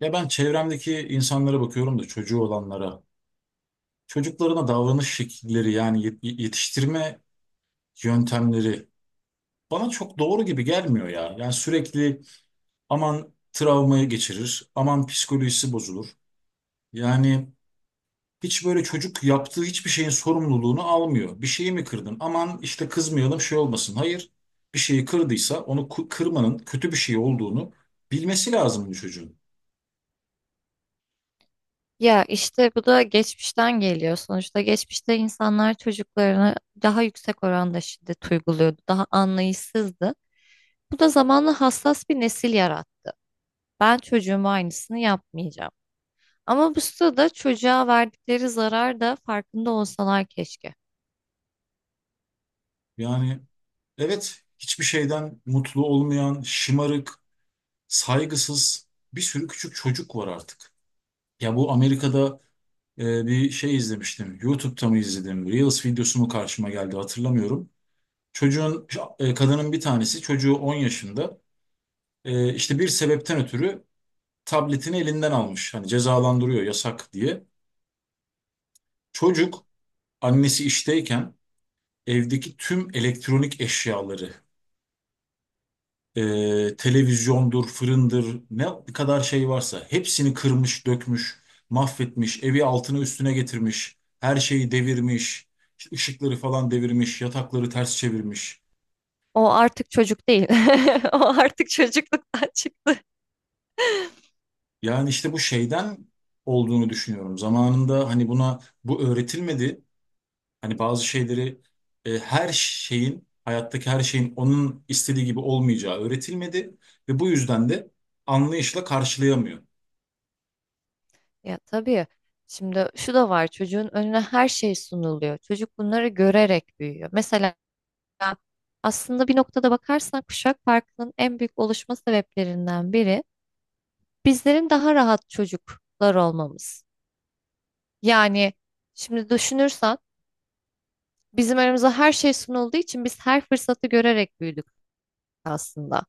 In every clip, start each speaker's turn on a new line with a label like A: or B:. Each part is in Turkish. A: Ya ben çevremdeki insanlara bakıyorum da çocuğu olanlara. Çocuklarına davranış şekilleri, yani yetiştirme yöntemleri bana çok doğru gibi gelmiyor ya. Yani sürekli aman travmayı geçirir, aman psikolojisi bozulur. Yani hiç böyle çocuk yaptığı hiçbir şeyin sorumluluğunu almıyor. Bir şeyi mi kırdın? Aman işte kızmayalım, şey olmasın. Hayır, bir şeyi kırdıysa onu kırmanın kötü bir şey olduğunu bilmesi lazım bu çocuğun.
B: Ya işte bu da geçmişten geliyor. Sonuçta geçmişte insanlar çocuklarına daha yüksek oranda şiddet uyguluyordu. Daha anlayışsızdı. Bu da zamanla hassas bir nesil yarattı. Ben çocuğuma aynısını yapmayacağım. Ama bu sırada çocuğa verdikleri zarar da farkında olsalar keşke.
A: Yani evet, hiçbir şeyden mutlu olmayan, şımarık, saygısız bir sürü küçük çocuk var artık. Ya bu Amerika'da bir şey izlemiştim. YouTube'da mı izledim? Reels videosu mu karşıma geldi, hatırlamıyorum. Çocuğun, kadının bir tanesi çocuğu 10 yaşında, işte bir sebepten ötürü tabletini elinden almış. Hani cezalandırıyor, yasak diye. Çocuk annesi işteyken evdeki tüm elektronik eşyaları, televizyondur, fırındır, ne kadar şey varsa hepsini kırmış, dökmüş, mahvetmiş, evi altına üstüne getirmiş, her şeyi devirmiş, işte ışıkları falan devirmiş, yatakları ters çevirmiş.
B: O artık çocuk değil. O artık çocukluktan çıktı.
A: Yani işte bu şeyden olduğunu düşünüyorum. Zamanında hani buna bu öğretilmedi. Hani bazı şeyleri, her şeyin, hayattaki her şeyin onun istediği gibi olmayacağı öğretilmedi ve bu yüzden de anlayışla karşılayamıyor.
B: Ya tabii. Şimdi şu da var, çocuğun önüne her şey sunuluyor. Çocuk bunları görerek büyüyor. Mesela aslında bir noktada bakarsan, kuşak farkının en büyük oluşma sebeplerinden biri bizlerin daha rahat çocuklar olmamız. Yani şimdi düşünürsen, bizim aramıza her şey sunulduğu için biz her fırsatı görerek büyüdük aslında.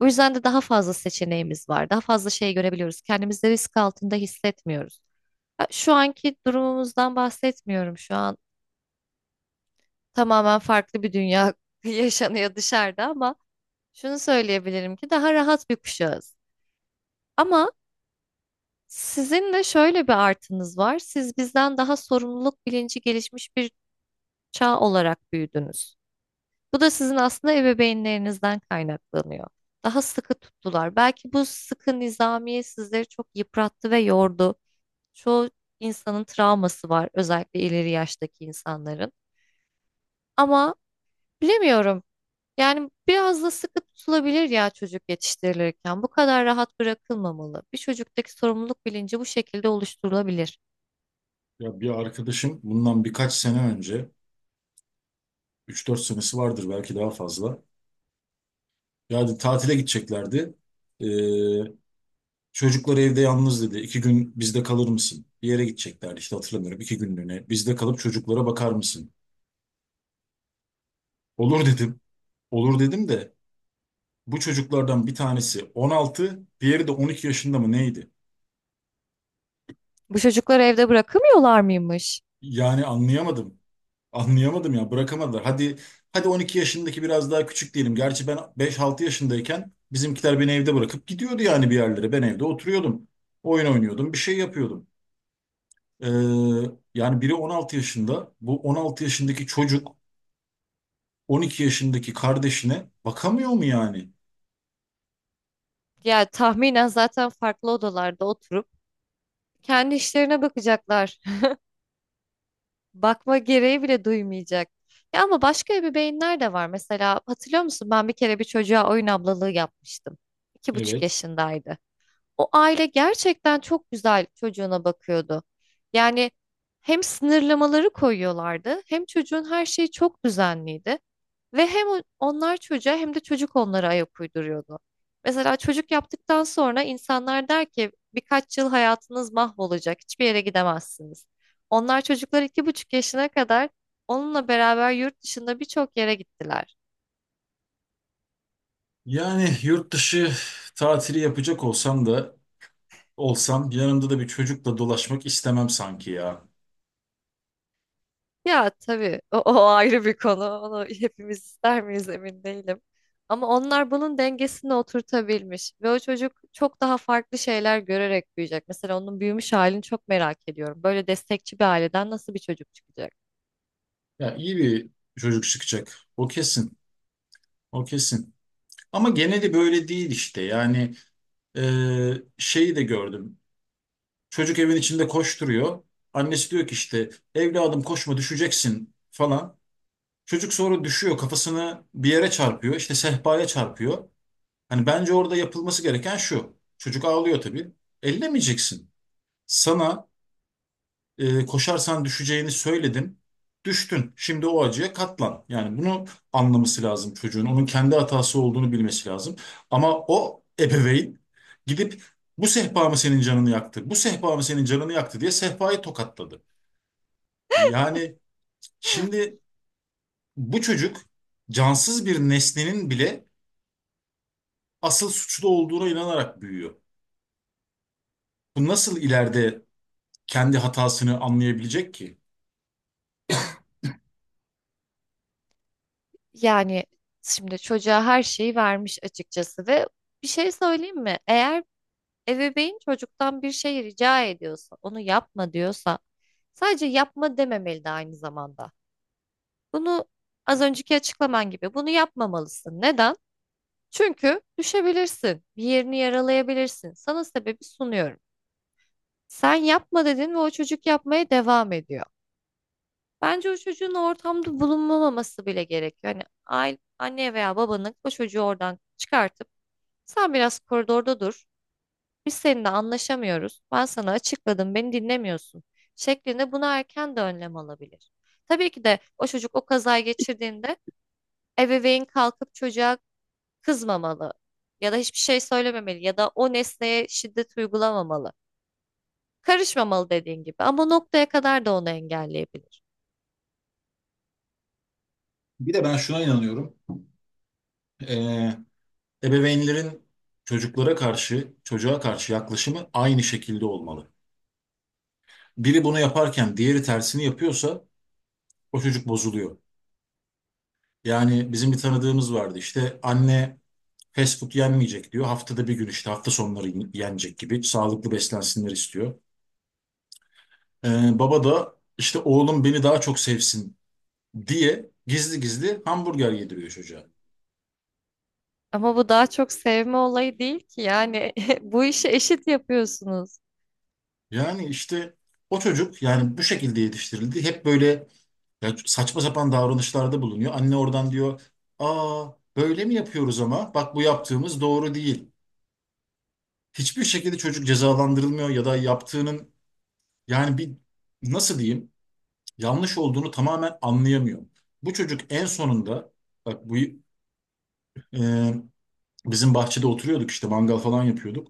B: O yüzden de daha fazla seçeneğimiz var. Daha fazla şey görebiliyoruz. Kendimizi risk altında hissetmiyoruz. Ha, şu anki durumumuzdan bahsetmiyorum. Şu an tamamen farklı bir dünya yaşanıyor dışarıda, ama şunu söyleyebilirim ki daha rahat bir kuşağız. Ama sizin de şöyle bir artınız var. Siz bizden daha sorumluluk bilinci gelişmiş bir çağ olarak büyüdünüz. Bu da sizin aslında ebeveynlerinizden kaynaklanıyor. Daha sıkı tuttular. Belki bu sıkı nizamiye sizleri çok yıprattı ve yordu. Çoğu insanın travması var, özellikle ileri yaştaki insanların. Ama bilemiyorum. Yani biraz da sıkı tutulabilir ya çocuk yetiştirilirken. Bu kadar rahat bırakılmamalı. Bir çocuktaki sorumluluk bilinci bu şekilde oluşturulabilir.
A: Ya bir arkadaşım bundan birkaç sene önce, 3-4 senesi vardır, belki daha fazla. Yani tatile gideceklerdi. Ee, çocuklar evde yalnız, dedi. İki gün bizde kalır mısın? Bir yere gideceklerdi işte, hatırlamıyorum. İki günlüğüne. Bizde kalıp çocuklara bakar mısın? Olur dedim. Olur dedim de bu çocuklardan bir tanesi 16, diğeri de 12 yaşında mı neydi?
B: Bu çocukları evde bırakamıyorlar mıymış?
A: Yani anlayamadım. Anlayamadım ya, bırakamadılar. Hadi hadi 12 yaşındaki biraz daha küçük diyelim. Gerçi ben 5-6 yaşındayken bizimkiler beni evde bırakıp gidiyordu yani, bir yerlere. Ben evde oturuyordum. Oyun oynuyordum, bir şey yapıyordum. Ee, yani biri 16 yaşında, bu 16 yaşındaki çocuk 12 yaşındaki kardeşine bakamıyor mu yani?
B: Ya tahminen zaten farklı odalarda oturup kendi işlerine bakacaklar. Bakma gereği bile duymayacak. Ya ama başka ebeveynler de var. Mesela hatırlıyor musun, ben bir kere bir çocuğa oyun ablalığı yapmıştım. İki buçuk
A: Evet.
B: yaşındaydı. O aile gerçekten çok güzel çocuğuna bakıyordu. Yani hem sınırlamaları koyuyorlardı, hem çocuğun her şeyi çok düzenliydi. Ve hem onlar çocuğa hem de çocuk onlara ayak uyduruyordu. Mesela çocuk yaptıktan sonra insanlar der ki birkaç yıl hayatınız mahvolacak, hiçbir yere gidemezsiniz. Onlar çocuklar iki buçuk yaşına kadar onunla beraber yurt dışında birçok yere gittiler.
A: Yani yurt dışı tatili yapacak olsam yanımda da bir çocukla dolaşmak istemem sanki ya.
B: Ya tabii o ayrı bir konu. Onu hepimiz ister miyiz emin değilim. Ama onlar bunun dengesini oturtabilmiş ve o çocuk çok daha farklı şeyler görerek büyüyecek. Mesela onun büyümüş halini çok merak ediyorum. Böyle destekçi bir aileden nasıl bir çocuk çıkacak?
A: Ya iyi bir çocuk çıkacak. O kesin. O kesin. Ama geneli böyle değil işte. Yani e, şeyi de gördüm. Çocuk evin içinde koşturuyor. Annesi diyor ki işte evladım koşma, düşeceksin falan. Çocuk sonra düşüyor, kafasını bir yere çarpıyor. İşte sehpaya çarpıyor. Hani bence orada yapılması gereken şu. Çocuk ağlıyor tabii. Ellemeyeceksin. Sana, koşarsan düşeceğini söyledim. Düştün. Şimdi o acıya katlan. Yani bunu anlaması lazım çocuğun. Onun kendi hatası olduğunu bilmesi lazım. Ama o ebeveyn gidip bu sehpa mı senin canını yaktı? Bu sehpa mı senin canını yaktı diye sehpayı tokatladı. Yani şimdi bu çocuk cansız bir nesnenin bile asıl suçlu olduğuna inanarak büyüyor. Bu nasıl ileride kendi hatasını anlayabilecek ki?
B: Yani şimdi çocuğa her şeyi vermiş açıkçası ve bir şey söyleyeyim mi? Eğer ebeveyn çocuktan bir şey rica ediyorsa, onu yapma diyorsa, sadece yapma dememeli de aynı zamanda. Bunu, az önceki açıklaman gibi, bunu yapmamalısın. Neden? Çünkü düşebilirsin. Bir yerini yaralayabilirsin. Sana sebebi sunuyorum. Sen yapma dedin ve o çocuk yapmaya devam ediyor. Bence o çocuğun ortamda bulunmaması bile gerekiyor. Hani aile, anne veya babanın o çocuğu oradan çıkartıp sen biraz koridorda dur. Biz seninle anlaşamıyoruz. Ben sana açıkladım, beni dinlemiyorsun şeklinde buna erken de önlem alabilir. Tabii ki de o çocuk o kazayı geçirdiğinde ebeveyn kalkıp çocuğa kızmamalı ya da hiçbir şey söylememeli ya da o nesneye şiddet uygulamamalı. Karışmamalı dediğin gibi ama noktaya kadar da onu engelleyebilir.
A: Bir de ben şuna inanıyorum. Ee, ebeveynlerin çocuklara karşı, çocuğa karşı yaklaşımı aynı şekilde olmalı. Biri bunu yaparken diğeri tersini yapıyorsa o çocuk bozuluyor. Yani bizim bir tanıdığımız vardı işte, anne fast food yenmeyecek diyor. Haftada bir gün işte, hafta sonları yenecek, gibi sağlıklı beslensinler istiyor. Baba da işte oğlum beni daha çok sevsin diye gizli gizli hamburger yediriyor çocuğa.
B: Ama bu daha çok sevme olayı değil ki yani bu işi eşit yapıyorsunuz.
A: Yani işte o çocuk yani bu şekilde yetiştirildi. Hep böyle ya, saçma sapan davranışlarda bulunuyor. Anne oradan diyor, aa, böyle mi yapıyoruz ama? Bak bu yaptığımız doğru değil. Hiçbir şekilde çocuk cezalandırılmıyor ya da yaptığının, yani bir, nasıl diyeyim, yanlış olduğunu tamamen anlayamıyor. Bu çocuk en sonunda, bak bu, e, bizim bahçede oturuyorduk işte, mangal falan yapıyorduk.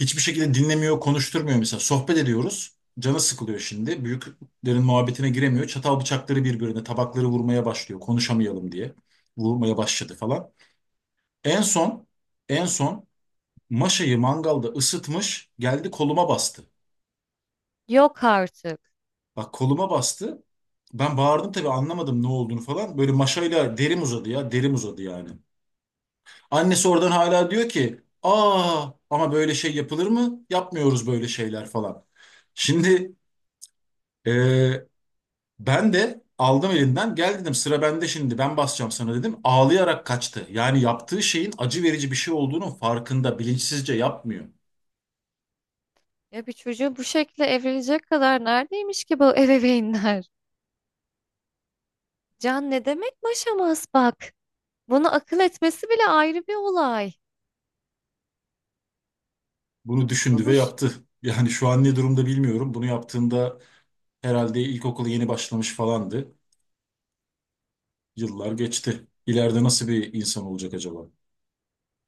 A: Hiçbir şekilde dinlemiyor, konuşturmuyor mesela. Sohbet ediyoruz. Canı sıkılıyor şimdi. Büyüklerin muhabbetine giremiyor. Çatal bıçakları birbirine, tabakları vurmaya başlıyor. Konuşamayalım diye. Vurmaya başladı falan. En son, en son maşayı mangalda ısıtmış. Geldi koluma bastı.
B: Yok artık.
A: Bak koluma bastı. Ben bağırdım tabii, anlamadım ne olduğunu falan. Böyle maşayla derim uzadı ya. Derim uzadı yani. Annesi oradan hala diyor ki, aa ama böyle şey yapılır mı? Yapmıyoruz böyle şeyler falan. Şimdi, ee, ben de aldım elinden, gel dedim, sıra bende şimdi, ben basacağım sana dedim. Ağlayarak kaçtı. Yani yaptığı şeyin acı verici bir şey olduğunun farkında, bilinçsizce yapmıyor.
B: Ya bir çocuğu bu şekilde evlenecek kadar neredeymiş ki bu ebeveynler? Can ne demek maşamaz bak. Bunu akıl etmesi bile ayrı bir olay.
A: Bunu
B: Bu,
A: düşündü ve
B: bu, ş-
A: yaptı. Yani şu an ne durumda bilmiyorum. Bunu yaptığında herhalde ilkokula yeni başlamış falandı. Yıllar geçti. İleride nasıl bir insan olacak acaba?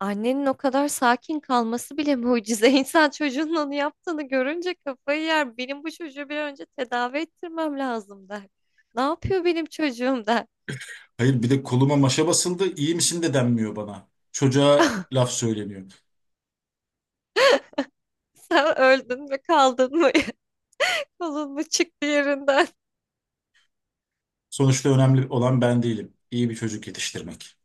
B: Annenin o kadar sakin kalması bile mucize. İnsan çocuğunun onu yaptığını görünce kafayı yer. Benim bu çocuğu bir an önce tedavi ettirmem lazım der. Ne yapıyor benim çocuğum der.
A: Hayır bir de koluma maşa basıldı. İyi misin de denmiyor bana. Çocuğa laf söyleniyor.
B: Sen öldün mü kaldın mı? Kolun mu çıktı yerinden?
A: Sonuçta önemli olan ben değilim. İyi bir çocuk yetiştirmek.